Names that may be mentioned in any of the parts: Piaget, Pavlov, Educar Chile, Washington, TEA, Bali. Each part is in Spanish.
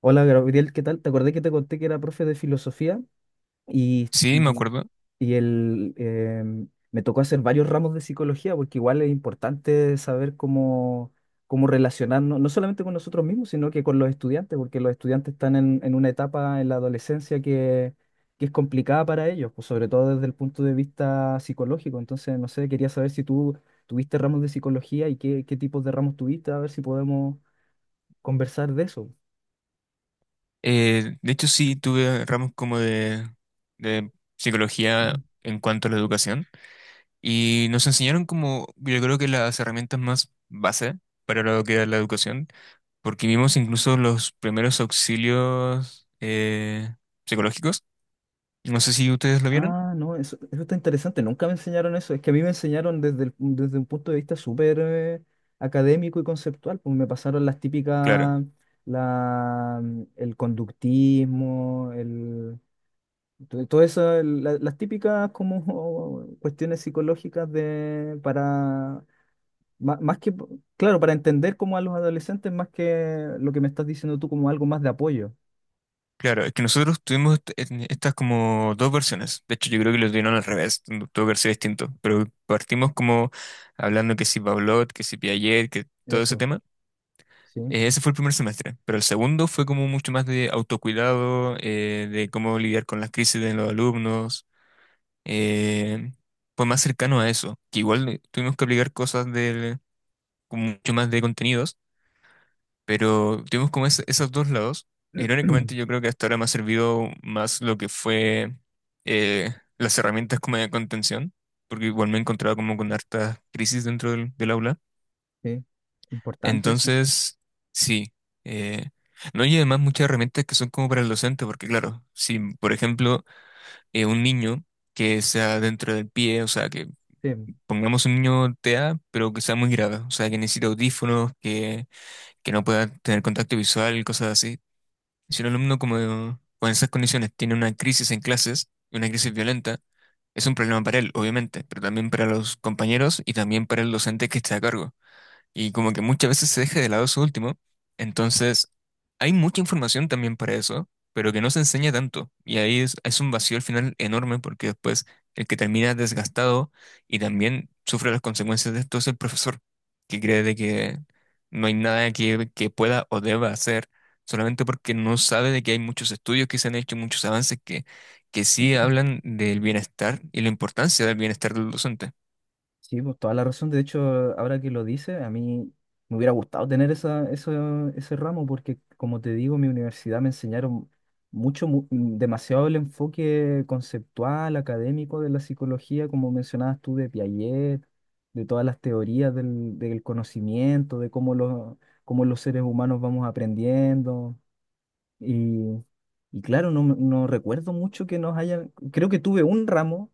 Hola Gabriel, ¿qué tal? Te acordé que te conté que era profe de filosofía y, Sí, me y, acuerdo. y el, me tocó hacer varios ramos de psicología porque igual es importante saber cómo, cómo relacionarnos, no solamente con nosotros mismos, sino que con los estudiantes, porque los estudiantes están en una etapa en la adolescencia que es complicada para ellos, pues sobre todo desde el punto de vista psicológico. Entonces, no sé, quería saber si tú tuviste ramos de psicología y qué tipos de ramos tuviste, a ver si podemos conversar de eso. De hecho, sí, tuve ramos como de psicología en cuanto a la educación y nos enseñaron como, yo creo que las herramientas más base para lo que es la educación, porque vimos incluso los primeros auxilios psicológicos. No sé si ustedes lo vieron. Ah, no, eso está interesante. Nunca me enseñaron eso. Es que a mí me enseñaron desde, desde un punto de vista súper académico y conceptual. Pues me pasaron las Claro. típicas, la, el conductismo, el, todo eso, las típicas como cuestiones psicológicas de, para, más, que, claro, para entender como a los adolescentes, más que lo que me estás diciendo tú como algo más de apoyo. Claro, es que nosotros tuvimos en estas como dos versiones. De hecho, yo creo que lo tuvieron al revés, tuvo que haber sido distinto. Pero partimos como hablando que si Pavlov, que si Piaget, que todo ese Eso, tema. sí. Ese fue el primer semestre. Pero el segundo fue como mucho más de autocuidado, de cómo lidiar con las crisis de los alumnos. eh, Fue más cercano a eso. Que igual tuvimos que aplicar cosas del, con mucho más de contenidos, pero tuvimos como esos dos lados. Irónicamente, yo creo que hasta ahora me ha servido más lo que fue las herramientas como de contención, porque igual me he encontrado como con hartas crisis dentro del aula. Sí, importante eso. Entonces, sí. eh, no, y además muchas herramientas que son como para el docente, porque claro, si por ejemplo un niño que sea dentro del pie, o sea, que Sí. pongamos un niño TEA, pero que sea muy grave, o sea, que necesite audífonos, que no pueda tener contacto visual, cosas así. Si un alumno como con esas condiciones tiene una crisis en clases, una crisis violenta, es un problema para él, obviamente, pero también para los compañeros y también para el docente que está a cargo, y como que muchas veces se deja de lado eso último. Entonces, hay mucha información también para eso, pero que no se enseña tanto. Y ahí es un vacío al final enorme porque después el que termina desgastado y también sufre las consecuencias de esto es el profesor, que cree de que no hay nada que pueda o deba hacer. Solamente porque no sabe de que hay muchos estudios que se han hecho, muchos avances que sí hablan del bienestar y la importancia del bienestar del docente. Sí, pues toda la razón. De hecho, ahora que lo dice, a mí me hubiera gustado tener ese ramo porque, como te digo, en mi universidad me enseñaron mucho, demasiado el enfoque conceptual, académico de la psicología, como mencionabas tú, de Piaget, de todas las teorías del conocimiento, de cómo los seres humanos vamos aprendiendo. Y, y claro, no, no recuerdo mucho que nos hayan, creo que tuve un ramo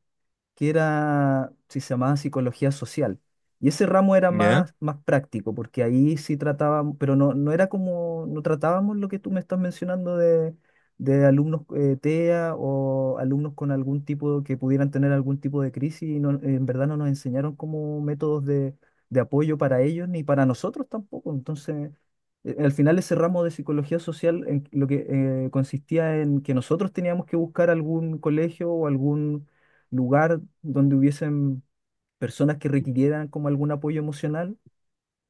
que era, si se llamaba psicología social. Y ese ramo era ¿Ya? Más práctico, porque ahí sí tratábamos, pero no, no era como, no tratábamos lo que tú me estás mencionando de alumnos TEA o alumnos con algún tipo, que pudieran tener algún tipo de crisis, y en verdad no nos enseñaron como métodos de apoyo para ellos ni para nosotros tampoco. Entonces, al final ese ramo de psicología social en, lo que consistía en que nosotros teníamos que buscar algún colegio o algún lugar donde hubiesen personas que requirieran como algún apoyo emocional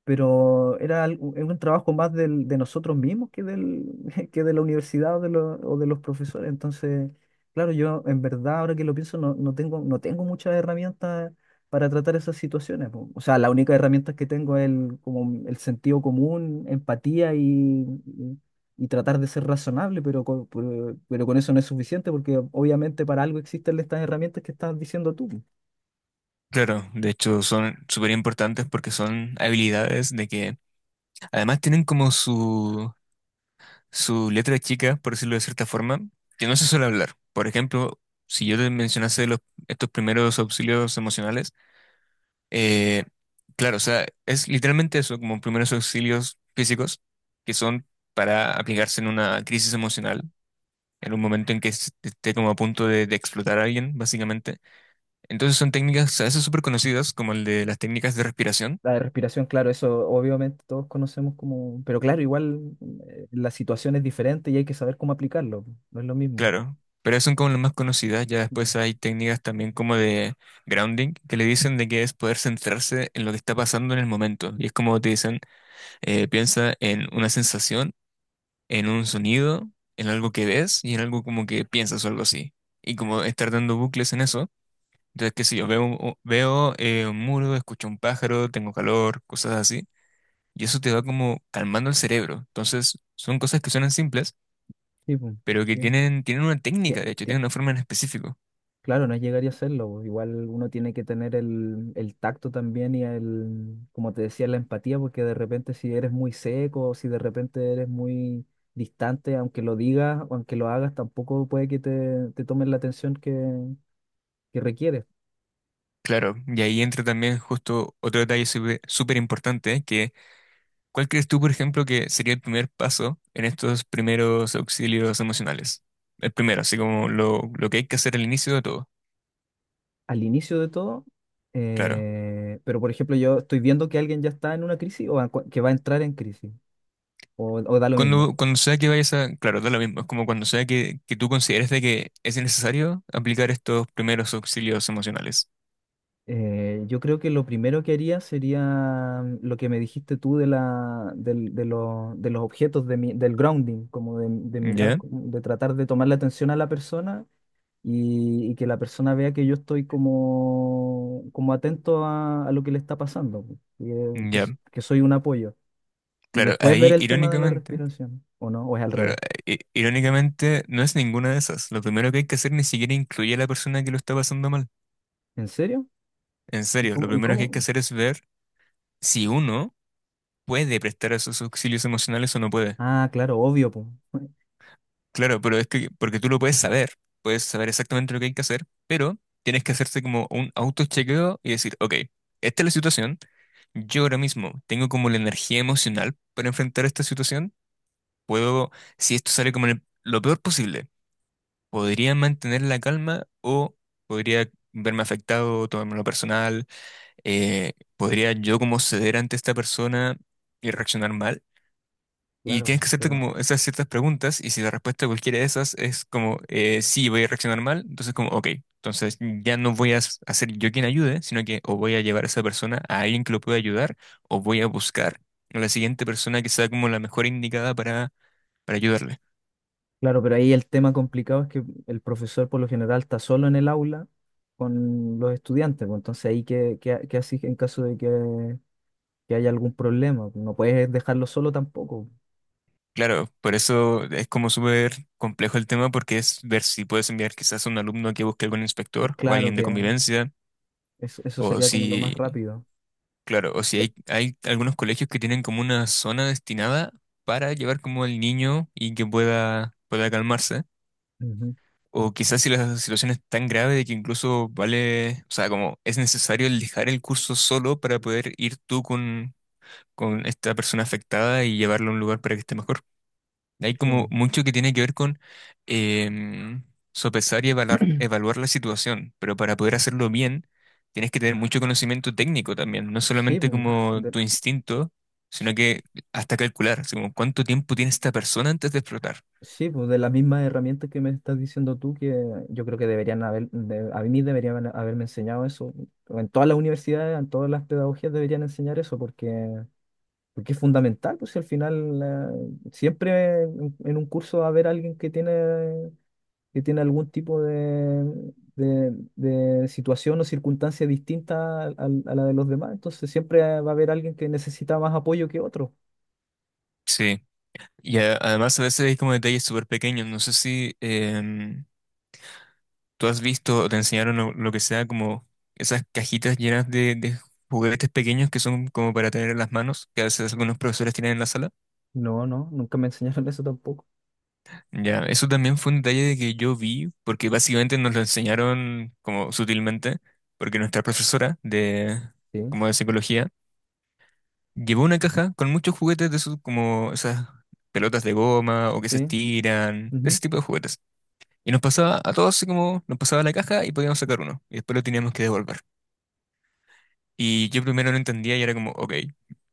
pero era un trabajo más de nosotros mismos que, del, que de la universidad o de, o de los profesores. Entonces, claro, yo en verdad, ahora que lo pienso, no, no tengo muchas herramientas para tratar esas situaciones. Po. O sea, la única herramienta que tengo es el, como el sentido común, empatía y tratar de ser razonable, pero con eso no es suficiente porque obviamente para algo existen estas herramientas que estás diciendo tú. Claro, de hecho son súper importantes porque son habilidades de que además tienen como su letra chica, por decirlo de cierta forma, que no se suele hablar. Por ejemplo, si yo te mencionase los, estos primeros auxilios emocionales, eh, claro, o sea, es literalmente eso, como primeros auxilios físicos que son para aplicarse en una crisis emocional, en un momento en que esté como a punto de explotar a alguien, básicamente. Entonces son técnicas a veces súper conocidas, como el de las técnicas de respiración. La de respiración, claro, eso obviamente todos conocemos como, pero claro, igual la situación es diferente y hay que saber cómo aplicarlo, po, no es lo mismo. Claro, pero son como las más conocidas. Ya Mm. después hay técnicas también como de grounding, que le dicen de que es poder centrarse en lo que está pasando en el momento. Y es como te dicen, piensa en una sensación, en un sonido, en algo que ves y en algo como que piensas o algo así. Y como estar dando bucles en eso. Entonces, qué sé yo, veo un muro, escucho un pájaro, tengo calor, cosas así. Y eso te va como calmando el cerebro. Entonces, son cosas que suenan simples, Sí, po, pero que sí. Tienen una Tie- técnica, de hecho, tie- tienen una forma en específico. Claro, no llegaría a serlo, po, igual uno tiene que tener el tacto también y el, como te decía, la empatía, porque de repente si eres muy seco o si de repente eres muy distante, aunque lo digas o aunque lo hagas, tampoco puede que te tomen la atención que requieres. Claro, y ahí entra también justo otro detalle súper súper importante, que ¿cuál crees tú, por ejemplo, que sería el primer paso en estos primeros auxilios emocionales? El primero, así como lo que hay que hacer al inicio de todo. Al inicio de todo, Claro. Pero por ejemplo yo estoy viendo que alguien ya está en una crisis o a que va a entrar en crisis, o da lo mismo. Cuando sea que vayas a... Claro, da lo mismo, es como cuando sea que tú consideres de que es necesario aplicar estos primeros auxilios emocionales. Yo creo que lo primero que haría sería lo que me dijiste tú de, la, de los objetos, del grounding, como de mirar, ¿Ya? como de tratar de tomar la atención a la persona y que la persona vea que yo estoy como, como atento a lo que le está pasando, que Ya. Que soy un apoyo. Y Claro, después ver ahí el tema de la irónicamente... respiración, ¿o no? ¿O es al Claro, revés? Irónicamente no es ninguna de esas. Lo primero que hay que hacer ni siquiera incluye a la persona que lo está pasando mal. ¿En serio? En serio, lo ¿Y primero que hay que cómo? hacer es ver si uno puede prestar esos auxilios emocionales o no puede. Ah, claro, obvio, pues. Claro, pero es que, porque tú lo puedes saber exactamente lo que hay que hacer, pero tienes que hacerte como un autochequeo y decir, ok, esta es la situación, yo ahora mismo tengo como la energía emocional para enfrentar esta situación, puedo, si esto sale como lo peor posible, podría mantener la calma o podría verme afectado, tomármelo personal. ¿Podría yo como ceder ante esta persona y reaccionar mal? Y tienes Claro, que hacerte pero, como esas ciertas preguntas y si la respuesta a cualquiera de esas es como sí, voy a reaccionar mal, entonces como ok, entonces ya no voy a a ser yo quien ayude, sino que o voy a llevar a esa persona a alguien que lo pueda ayudar o voy a buscar a la siguiente persona que sea como la mejor indicada para ayudarle. claro, pero ahí el tema complicado es que el profesor por lo general está solo en el aula con los estudiantes, pues entonces ahí qué haces en caso de que haya algún problema, no puedes dejarlo solo tampoco. Claro, por eso es como súper complejo el tema porque es ver si puedes enviar quizás a un alumno que busque algún inspector o Claro alguien de que convivencia eso o sería como lo más si... rápido. Claro, o si hay algunos colegios que tienen como una zona destinada para llevar como al niño y que pueda calmarse. Ujú. O quizás si la situación es tan grave de que incluso vale, o sea, como es necesario el dejar el curso solo para poder ir tú con esta persona afectada y llevarlo a un lugar para que esté mejor. Hay Sí, como mucho que tiene que ver con em, sopesar y evaluar, evaluar la situación, pero para poder hacerlo bien tienes que tener mucho conocimiento técnico también, no sí, solamente pues, como de- tu instinto, sino sí, que hasta calcular, así como cuánto tiempo tiene esta persona antes de explotar. sí, pues de las mismas herramientas que me estás diciendo tú, que yo creo que deberían haber, a mí deberían haberme enseñado eso. En todas las universidades, en todas las pedagogías deberían enseñar eso, porque, porque es fundamental, pues si al final siempre en un curso va a haber alguien que tiene algún tipo de situación o circunstancia distinta a la de los demás, entonces siempre va a haber alguien que necesita más apoyo que otro. Sí, y además a veces hay como detalles súper pequeños, no sé si tú has visto o te enseñaron lo que sea como esas cajitas llenas de juguetes pequeños que son como para tener en las manos, que a veces algunos profesores tienen en la sala. No, no, nunca me enseñaron eso tampoco. Ya, eso también fue un detalle de que yo vi, porque básicamente nos lo enseñaron como sutilmente, porque nuestra profesora de Sí, como de psicología llevó una caja con muchos juguetes de esos como esas pelotas de goma o que se sí. estiran, de Ujú. ese tipo de juguetes. Y nos pasaba a todos así como nos pasaba la caja y podíamos sacar uno y después lo teníamos que devolver. Y yo primero no entendía y era como, ok,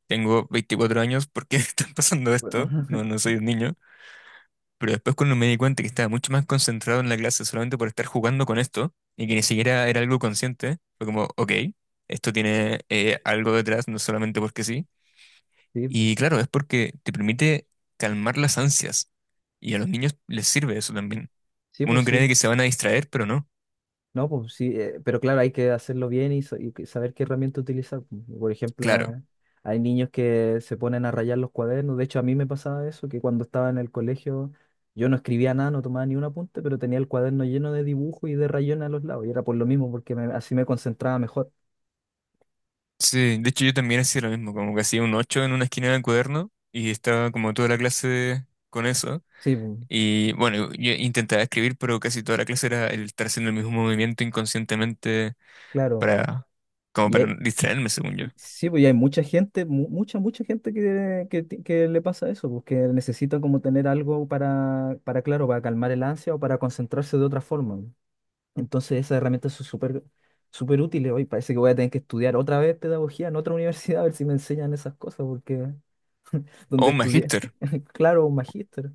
tengo 24 años, ¿por qué me están pasando esto? No, no soy un niño. Pero después cuando me di cuenta que estaba mucho más concentrado en la clase solamente por estar jugando con esto y que ni siquiera era algo consciente, fue como, ok, esto tiene algo detrás, no solamente porque sí. Sí, pu. Y claro, es porque te permite calmar las ansias y a los niños les sirve eso también. Sí, pues Uno cree sí. que se van a distraer, pero no. No, pues sí, pero claro, hay que hacerlo bien y, saber qué herramienta utilizar. Pu. Por ejemplo, Claro. eh, hay niños que se ponen a rayar los cuadernos. De hecho, a mí me pasaba eso, que cuando estaba en el colegio yo no escribía nada, no tomaba ni un apunte, pero tenía el cuaderno lleno de dibujos y de rayones a los lados. Y era por lo mismo, porque así me concentraba mejor. Sí, de hecho yo también hacía lo mismo, como que hacía un 8 en una esquina del cuaderno y estaba como toda la clase con eso. Sí, pu, Y bueno, yo intentaba escribir, pero casi toda la clase era el estar haciendo el mismo movimiento inconscientemente claro. para, como para Y, no distraerme, según yo. sí, pues y hay mucha gente, mucha gente que que le pasa eso, pues que necesita como tener algo para, claro, para calmar el ansia o para concentrarse de otra forma. Pues. Entonces esas herramientas son súper, súper útiles. Hoy parece que voy a tener que estudiar otra vez pedagogía en otra universidad a ver si me enseñan esas cosas, porque O donde un estudié, magíster. claro, un magíster.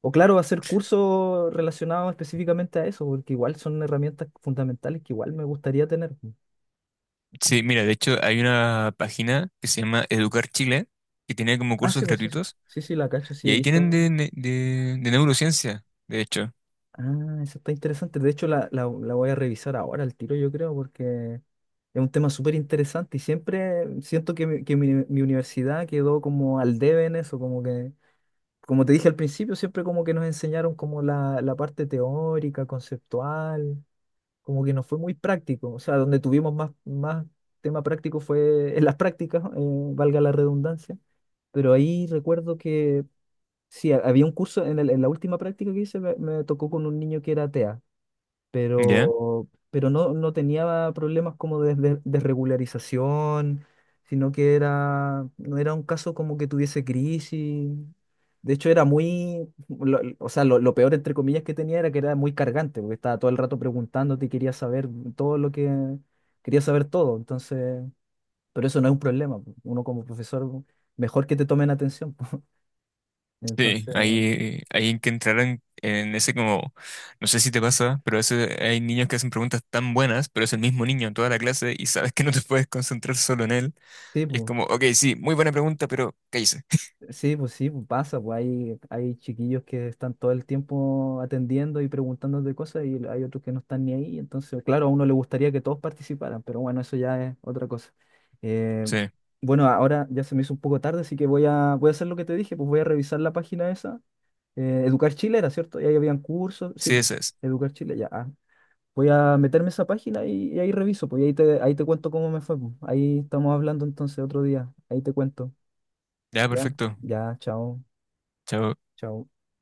O claro, hacer cursos relacionados específicamente a eso, porque igual son herramientas fundamentales que igual me gustaría tener. Pues. Sí, mira, de hecho hay una página que se llama Educar Chile, que tiene como Ah, cursos sí, pues sí, sí, gratuitos, sí, sí, la cacho, sí, y he ahí tienen visto. De neurociencia, de hecho. Ah, eso está interesante. De hecho, la, la voy a revisar ahora al tiro, yo creo, porque es un tema súper interesante y siempre siento que mi universidad quedó como al debe en eso, como que, como te dije al principio, siempre como que nos enseñaron como la parte teórica, conceptual, como que no fue muy práctico. O sea, donde tuvimos más, más tema práctico fue en las prácticas, valga la redundancia, pero ahí recuerdo que... Sí, había un curso en, en la última práctica que hice, me tocó con un niño que era TEA ¿Ya? Pero no, no tenía problemas como de, de regularización, sino que era, no era un caso como que tuviese crisis. De hecho, era muy, o sea, lo peor entre comillas que tenía era que era muy cargante, porque estaba todo el rato preguntándote y quería saber todo lo que, quería saber todo. Entonces, pero eso no es un problema. Po. Uno como profesor, mejor que te tomen atención. Po. Sí, Entonces, ahí hay que entrar en ese como, no sé si te pasa, pero a veces hay niños que hacen preguntas tan buenas, pero es el mismo niño en toda la clase y sabes que no te puedes concentrar solo en él. sí, Y es pues. como, ok, sí, muy buena pregunta, pero ¿qué hice? Sí, pues sí, pues pasa, pues hay chiquillos que están todo el tiempo atendiendo y preguntando de cosas y hay otros que no están ni ahí, entonces, claro, a uno le gustaría que todos participaran, pero bueno, eso ya es otra cosa. Eh, Sí, bueno, ahora ya se me hizo un poco tarde, así que voy voy a hacer lo que te dije, pues voy a revisar la página esa. Educar Chile era, ¿cierto? Y ahí habían cursos, sí, sí, pues, esa es. Educar Chile, ya. Ah. Voy a meterme a esa página y ahí reviso, pues y ahí te cuento cómo me fue, pues. Ahí estamos hablando entonces otro día, ahí te cuento, Ya, ¿ya? perfecto. Ya, chao. Chao. Chao.